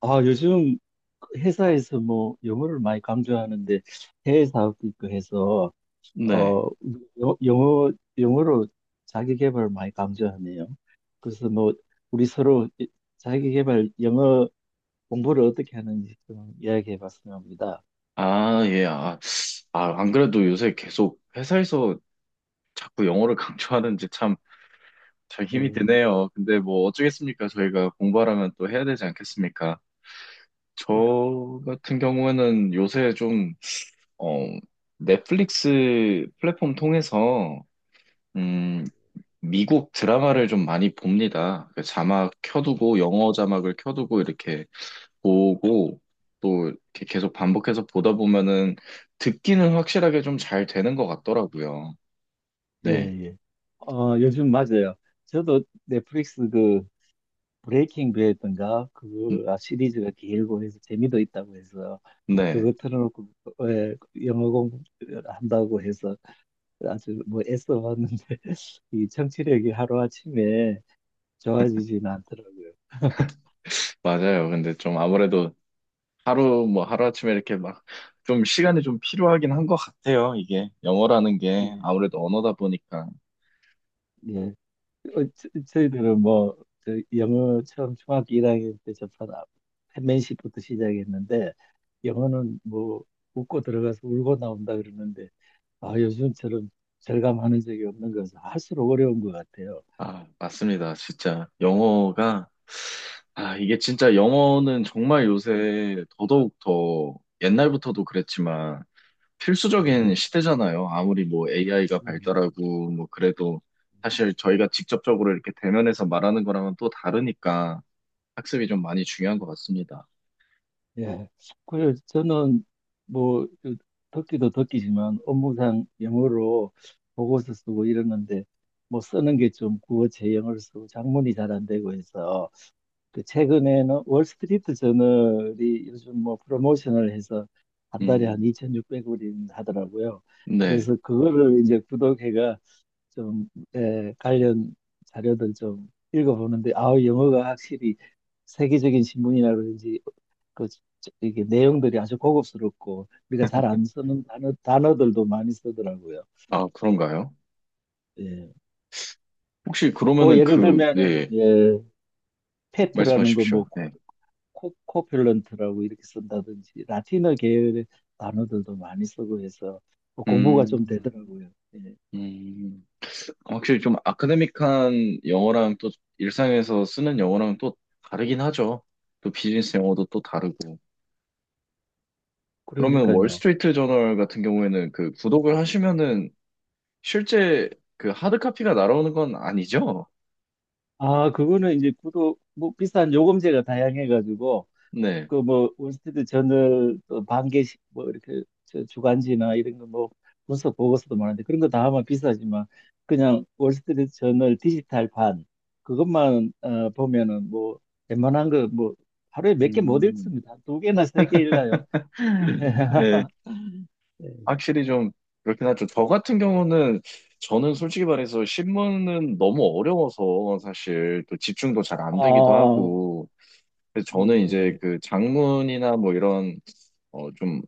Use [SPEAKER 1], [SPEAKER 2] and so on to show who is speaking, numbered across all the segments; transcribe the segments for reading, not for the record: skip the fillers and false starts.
[SPEAKER 1] 아, 요즘 회사에서 뭐 영어를 많이 강조하는데 해외 사업도 있고 해서
[SPEAKER 2] 네.
[SPEAKER 1] 어 여- 영어 영어로 자기 개발을 많이 강조하네요. 그래서 뭐 우리 서로 자기 개발 영어 공부를 어떻게 하는지 좀 이야기해 봤으면 합니다.
[SPEAKER 2] 아, 예. 안 그래도 요새 계속 회사에서 자꾸 영어를 강조하는지 참, 잘 힘이
[SPEAKER 1] 예,
[SPEAKER 2] 드네요. 근데 뭐 어쩌겠습니까? 저희가 공부하라면 또 해야 되지 않겠습니까? 저 같은 경우에는 요새 좀, 어, 넷플릭스 플랫폼 통해서, 음, 미국 드라마를 좀 많이 봅니다. 그 자막 켜두고, 영어 자막을 켜두고 이렇게 보고 또 이렇게 계속 반복해서 보다 보면은 듣기는 확실하게 좀 잘 되는 것 같더라고요.
[SPEAKER 1] 예,
[SPEAKER 2] 네.
[SPEAKER 1] 예. 어, 요즘 맞아요. 저도 넷플릭스 그 브레이킹 배드인가
[SPEAKER 2] 음,
[SPEAKER 1] 그거 시리즈가 길고 해서 재미도 있다고 해서
[SPEAKER 2] 네.
[SPEAKER 1] 그거 틀어놓고, 예, 영어 공부한다고 해서 아주 뭐 애써봤는데 이 청취력이 하루아침에 좋아지진 않더라고요.
[SPEAKER 2] 맞아요. 근데 좀 아무래도 하루 뭐 하루아침에 이렇게 막 좀 시간이 좀 필요하긴 한 것 같아요. 이게 영어라는 게
[SPEAKER 1] 예,
[SPEAKER 2] 아무래도 언어다 보니까.
[SPEAKER 1] 예. 저희들은 뭐, 저 영어 처음 중학교 1학년 때 접한 p 시부터 시작했는데, 영어는 뭐, 웃고 들어가서 울고 나온다 그러는데, 아, 요즘처럼 절감하는 적이 없는 것은 할수록 어려운 것 같아요.
[SPEAKER 2] 아, 맞습니다. 진짜 영어가 아, 이게 진짜 영어는 정말 요새 더더욱 더 옛날부터도 그랬지만
[SPEAKER 1] 네.
[SPEAKER 2] 필수적인 시대잖아요. 아무리 뭐 AI가
[SPEAKER 1] 네.
[SPEAKER 2] 발달하고 뭐 그래도 사실 저희가 직접적으로 이렇게 대면해서 말하는 거랑은 또 다르니까 학습이 좀 많이 중요한 것 같습니다.
[SPEAKER 1] 예. 그래서 저는 뭐그 듣기도 듣기지만 업무상 영어로 보고서 쓰고 이러는데 뭐 쓰는 게 좀 국어 제형을 쓰고 작문이 잘 안 되고 해서 그 최근에는 월스트리트 저널이 요즘 뭐 프로모션을 해서 한 달에 한
[SPEAKER 2] 음,
[SPEAKER 1] 2,600불이 하더라고요.
[SPEAKER 2] 네.
[SPEAKER 1] 그래서 그거를 이제 구독해가 좀 관련 자료들 좀 읽어보는데 아우 영어가 확실히 세계적인 신문이라 그런지 그 이게 내용들이 아주 고급스럽고 우리가 잘 안 쓰는 단어들도 많이 쓰더라고요.
[SPEAKER 2] 아, 그런가요?
[SPEAKER 1] 예.
[SPEAKER 2] 혹시
[SPEAKER 1] 뭐
[SPEAKER 2] 그러면은
[SPEAKER 1] 예를
[SPEAKER 2] 그,
[SPEAKER 1] 들면은,
[SPEAKER 2] 네,
[SPEAKER 1] 예, 페트라는
[SPEAKER 2] 말씀하십시오.
[SPEAKER 1] 걸뭐
[SPEAKER 2] 네.
[SPEAKER 1] 코필런트라고 이렇게 쓴다든지 라틴어 계열의 단어들도 많이 쓰고 해서 뭐 공부가 좀
[SPEAKER 2] 음,
[SPEAKER 1] 되더라고요. 예.
[SPEAKER 2] 음. 확실히 좀 아카데믹한 영어랑 또 일상에서 쓰는 영어랑 또 다르긴 하죠. 또 비즈니스 영어도 또 다르고. 그러면
[SPEAKER 1] 그러니까요.
[SPEAKER 2] 월스트리트 저널 같은 경우에는 그 구독을 하시면은 실제 그 하드카피가 날아오는 건 아니죠?
[SPEAKER 1] 아, 그거는 이제 구독, 뭐 비싼 요금제가 다양해가지고
[SPEAKER 2] 네.
[SPEAKER 1] 그 뭐 월스트리트 저널 또 반개씩 뭐 이렇게 저 주간지나 이런 거 뭐 분석 보고서도 많은데 그런 거 다 하면 비싸지만 그냥 월스트리트 저널 디지털판 그것만 보면은 뭐 웬만한 거 뭐 하루에 몇 개 못
[SPEAKER 2] 음,
[SPEAKER 1] 읽습니다. 2개나 3개 읽나요?
[SPEAKER 2] 네.
[SPEAKER 1] 예.
[SPEAKER 2] 확실히 좀 그렇긴 하죠. 저 같은 경우는 저는 솔직히 말해서 신문은 너무 어려워서 사실 또 집중도 잘 안
[SPEAKER 1] 아,
[SPEAKER 2] 되기도 하고 그래서 저는 이제
[SPEAKER 1] 예.
[SPEAKER 2] 그 장문이나 뭐 이런 좀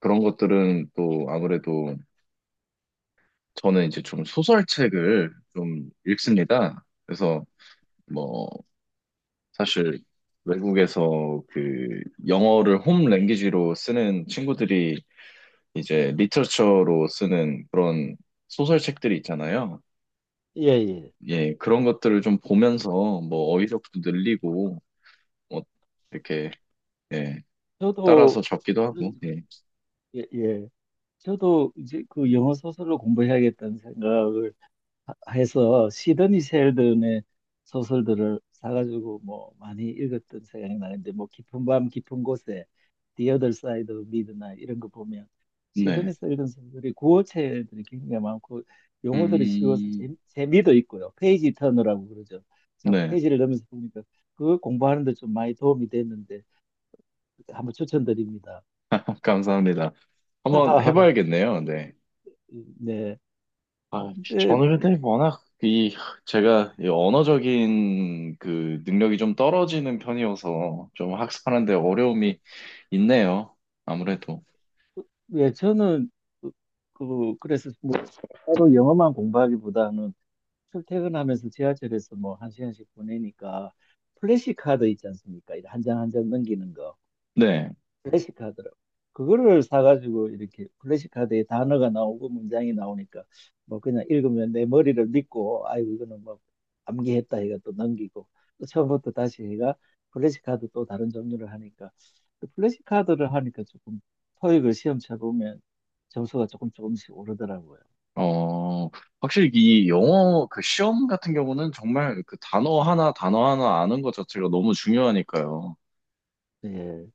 [SPEAKER 2] 그런 것들은 또 아무래도 저는 이제 좀 소설책을 좀 읽습니다. 그래서 뭐 사실 외국에서 그 영어를 홈 랭귀지로 쓰는 친구들이 이제 리터처로 쓰는 그런 소설책들이 있잖아요.
[SPEAKER 1] 예, 예.
[SPEAKER 2] 예, 그런 것들을 좀 보면서 뭐 어휘력도 늘리고 뭐 이렇게 예,
[SPEAKER 1] 저도
[SPEAKER 2] 따라서 적기도 하고. 예.
[SPEAKER 1] 예, 예. 저도 이제 그 영어 소설로 공부해야겠다는 생각을 해서 시드니 셸든의 소설들을 사가지고 뭐 많이 읽었던 생각이 나는데, 뭐 깊은 밤 깊은 곳에, The Other Side of Midnight 이런 거 보면
[SPEAKER 2] 네.
[SPEAKER 1] 시드니 셸든 소설이 구어체들이 굉장히 많고 용어들이 쉬워서
[SPEAKER 2] 음.
[SPEAKER 1] 재미도 있고요. 페이지 터너라고 그러죠. 자꾸
[SPEAKER 2] 네.
[SPEAKER 1] 페이지를 넘면서 보니까 그거 공부하는 데 좀 많이 도움이 됐는데 한번 추천드립니다.
[SPEAKER 2] 감사합니다. 한번 해봐야겠네요. 네.
[SPEAKER 1] 네.
[SPEAKER 2] 아,
[SPEAKER 1] 근데,
[SPEAKER 2] 저는 근데 워낙 이 제가 이 언어적인 그 능력이 좀 떨어지는 편이어서 좀 학습하는데 어려움이 있네요. 아무래도.
[SPEAKER 1] 예, 저는 그, 그래서 뭐 따로 영어만 공부하기보다는 출퇴근하면서 지하철에서 뭐 1시간씩 보내니까 플래시카드 있지 않습니까? 한 장 한 장 넘기는 거.
[SPEAKER 2] 네.
[SPEAKER 1] 플래시 카드라고. 그거를 사가지고 이렇게 플래시 카드에 단어가 나오고 문장이 나오니까 뭐 그냥 읽으면 내 머리를 믿고 아이고 이거는 뭐 암기했다 해가 또 넘기고 또 처음부터 다시 해가 플래시 카드 또 다른 종류를 하니까 그 플래시 카드를 하니까 조금 토익을 시험 쳐보면 점수가 조금 조금씩 오르더라고요.
[SPEAKER 2] 어, 확실히 이 영어 그 시험 같은 경우는 정말 그 단어 하나 단어 하나 아는 것 자체가 너무 중요하니까요.
[SPEAKER 1] 예.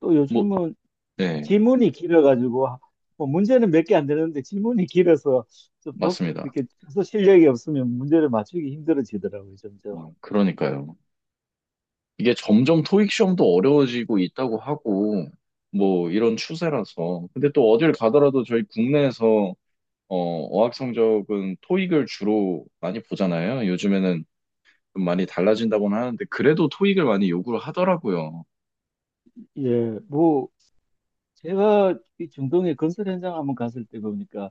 [SPEAKER 1] 또
[SPEAKER 2] 뭐,
[SPEAKER 1] 요즘은
[SPEAKER 2] 네,
[SPEAKER 1] 지문이 길어가지고 뭐 문제는 몇 개 안 되는데 지문이 길어서 좀
[SPEAKER 2] 맞습니다.
[SPEAKER 1] 이렇게 해서 실력이 없으면 문제를 맞추기 힘들어지더라고요, 점점.
[SPEAKER 2] 어, 그러니까요. 이게 점점 토익 시험도 어려워지고 있다고 하고 뭐 이런 추세라서. 근데 또 어딜 가더라도 저희 국내에서 어, 어학 성적은 토익을 주로 많이 보잖아요. 요즘에는 좀 많이 달라진다고는 하는데 그래도 토익을 많이 요구를 하더라고요.
[SPEAKER 1] 예, 뭐 제가 이 중동의 건설 현장 한번 갔을 때 보니까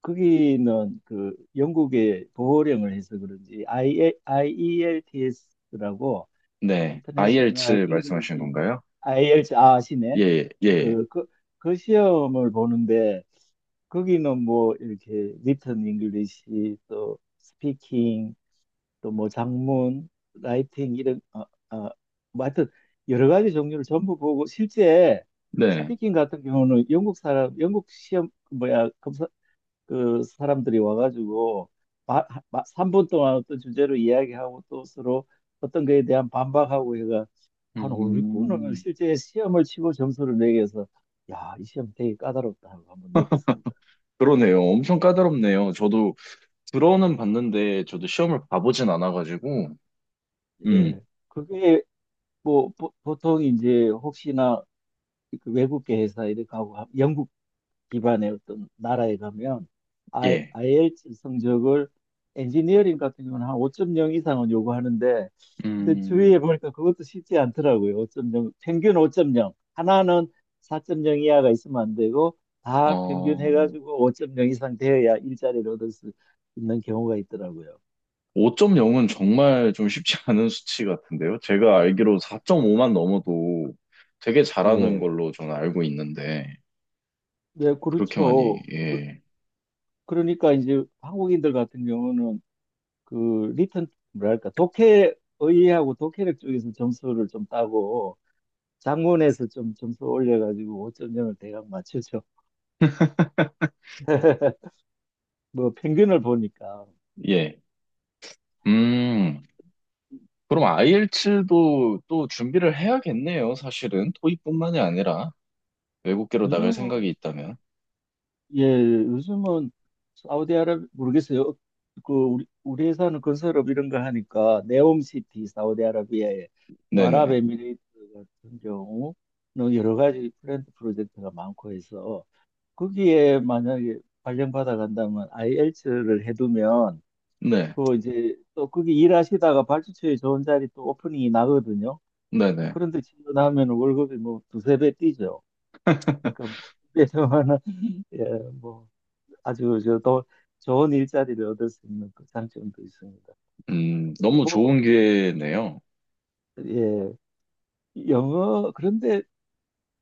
[SPEAKER 1] 거기는 그 영국의 보호령을 해서 그런지 IELTS라고,
[SPEAKER 2] 네,
[SPEAKER 1] 인터내셔널
[SPEAKER 2] IELTS 말씀하시는
[SPEAKER 1] 잉글리시.
[SPEAKER 2] 건가요?
[SPEAKER 1] IELTS 아시네?
[SPEAKER 2] 예, 예,
[SPEAKER 1] 그, 그, 그 시험을 보는데 거기는 뭐 이렇게 리턴 잉글리시 또 스피킹 또 뭐 장문 라이팅 이런 뭐 하여튼 여러 가지 종류를 전부 보고 실제
[SPEAKER 2] 네.
[SPEAKER 1] 스피킹 같은 경우는 영국 사람 영국 시험 그 뭐야 검사 그 사람들이 와가지고 마, 3분 동안 어떤 주제로 이야기하고 또 서로 어떤 거에 대한 반박하고 해가 한 5, 6분을
[SPEAKER 2] 음,
[SPEAKER 1] 실제 시험을 치고 점수를 매겨서 야, 이 시험 되게 까다롭다 하고 한번 느꼈습니다.
[SPEAKER 2] 그러네요. 엄청 까다롭네요. 저도 들어는 봤는데 저도 시험을 봐보진 않아가지고, 음,
[SPEAKER 1] 예. 그게 뭐 보통 이제 혹시나 그 외국계 회사 이렇게 가고 영국 기반의 어떤 나라에 가면 I,
[SPEAKER 2] 예,
[SPEAKER 1] e l t s 성적을, 엔지니어링 같은 경우는 한 5.0 이상은 요구하는데 근데 주위에
[SPEAKER 2] 음,
[SPEAKER 1] 보니까 그것도 쉽지 않더라고요. 5.0, 평균 5.0 하나는 4.0 이하가 있으면 안 되고 다 평균
[SPEAKER 2] 어.
[SPEAKER 1] 해가지고 5.0 이상 되어야 일자리를 얻을 수 있는 경우가 있더라고요.
[SPEAKER 2] 5.0은 정말 좀 쉽지 않은 수치 같은데요. 제가 알기로 4.5만 넘어도 되게 잘하는
[SPEAKER 1] 예.
[SPEAKER 2] 걸로 저는 알고 있는데,
[SPEAKER 1] 네,
[SPEAKER 2] 그렇게 많이,
[SPEAKER 1] 그렇죠.
[SPEAKER 2] 예,
[SPEAKER 1] 그러니까 이제 한국인들 같은 경우는 그 리턴 뭐랄까 독해 의의하고 독해력 쪽에서 점수를 좀 따고 작문에서 좀 점수 올려가지고 5.0을 대강 맞추죠. 뭐 평균을 보니까
[SPEAKER 2] 예. 음, 그럼 i l 7도또 준비를 해야겠네요, 사실은. 토익뿐만이 아니라 외국계로 나갈
[SPEAKER 1] 요즘은,
[SPEAKER 2] 생각이 있다면.
[SPEAKER 1] 예, 요즘은 사우디아라비아 모르겠어요. 그 우리 회사는 건설업 이런 거 하니까 네옴시티 사우디아라비아에 또
[SPEAKER 2] 네네.
[SPEAKER 1] 아랍에미레이트 같은 경우는 여러 가지 프렌드 프로젝트가 많고 해서 거기에 만약에 발령받아 간다면 IELTS를 해두면
[SPEAKER 2] 네.
[SPEAKER 1] 그 이제 또 거기 일하시다가 발주처에 좋은 자리 또 오프닝이 나거든요. 그럼
[SPEAKER 2] 네네.
[SPEAKER 1] 그런데 지원하면 월급이 뭐 두세 배 뛰죠. 그러니까 뭐 그래서 하나, 예, 뭐 아주 저, 더 좋은 일자리를 얻을 수 있는 그 장점도 있습니다.
[SPEAKER 2] 너무
[SPEAKER 1] 뭐,
[SPEAKER 2] 좋은 기회네요.
[SPEAKER 1] 예, 영어, 그런데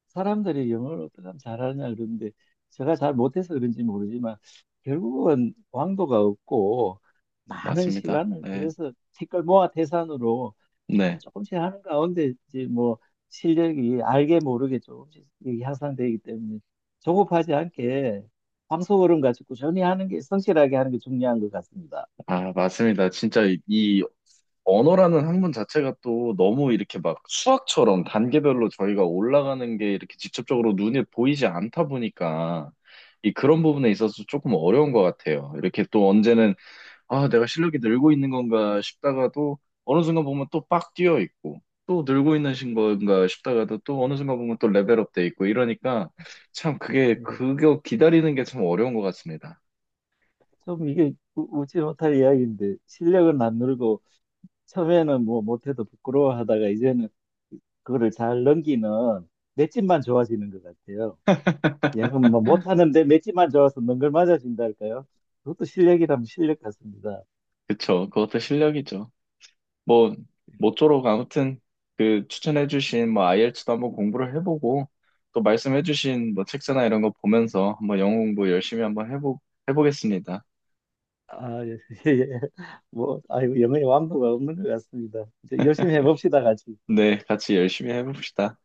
[SPEAKER 1] 사람들이 영어를 어떻게 하면 잘하냐, 그런데 제가 잘 못해서 그런지 모르지만 결국은 왕도가 없고 많은
[SPEAKER 2] 맞습니다.
[SPEAKER 1] 시간을 들래
[SPEAKER 2] 네.
[SPEAKER 1] 서 티끌 모아 태산으로 조금
[SPEAKER 2] 네.
[SPEAKER 1] 조금씩 하는 가운데 이제 뭐 실력이 알게 모르게 조금씩 이게 향상되기 때문에 조급하지 않게 황소걸음 같이 꾸준히 하는 게 성실하게 하는 게 중요한 것 같습니다.
[SPEAKER 2] 아, 맞습니다. 진짜 이 언어라는 학문 자체가 또 너무 이렇게 막 수학처럼 단계별로 저희가 올라가는 게 이렇게 직접적으로 눈에 보이지 않다 보니까 이 그런 부분에 있어서 조금 어려운 것 같아요. 이렇게 또 언제는 아, 내가 실력이 늘고 있는 건가 싶다가도 어느 순간 보면 또 빡 뛰어 있고 또 늘고 있는 신 건가 싶다가도 또 어느 순간 보면 또 레벨업 돼 있고 이러니까 참 그게
[SPEAKER 1] 네.
[SPEAKER 2] 그거 기다리는 게 참 어려운 것 같습니다.
[SPEAKER 1] 좀 이게 웃지 못할 이야기인데 실력은 안 늘고 처음에는 뭐 못해도 부끄러워하다가 이제는 그거를 잘 넘기는 맷집만 좋아지는 것 같아요. 영은 뭐 못하는데 맷집만 좋아서 능글 맞아진다 할까요? 그것도 실력이라면 실력 같습니다.
[SPEAKER 2] 그쵸? 그것도 실력이죠. 뭐 모쪼록 아무튼 그 추천해주신 뭐 IELTS도 한번 공부를 해보고 또 말씀해주신 뭐 책자나 이런 거 보면서 한번 영어 공부 열심히 한번 해보 해보겠습니다.
[SPEAKER 1] 아, 예, 예. 예. 뭐, 아이고, 영의 완도가 없는 것 같습니다. 이제 열심히 해봅시다, 같이.
[SPEAKER 2] 네, 같이 열심히 해봅시다.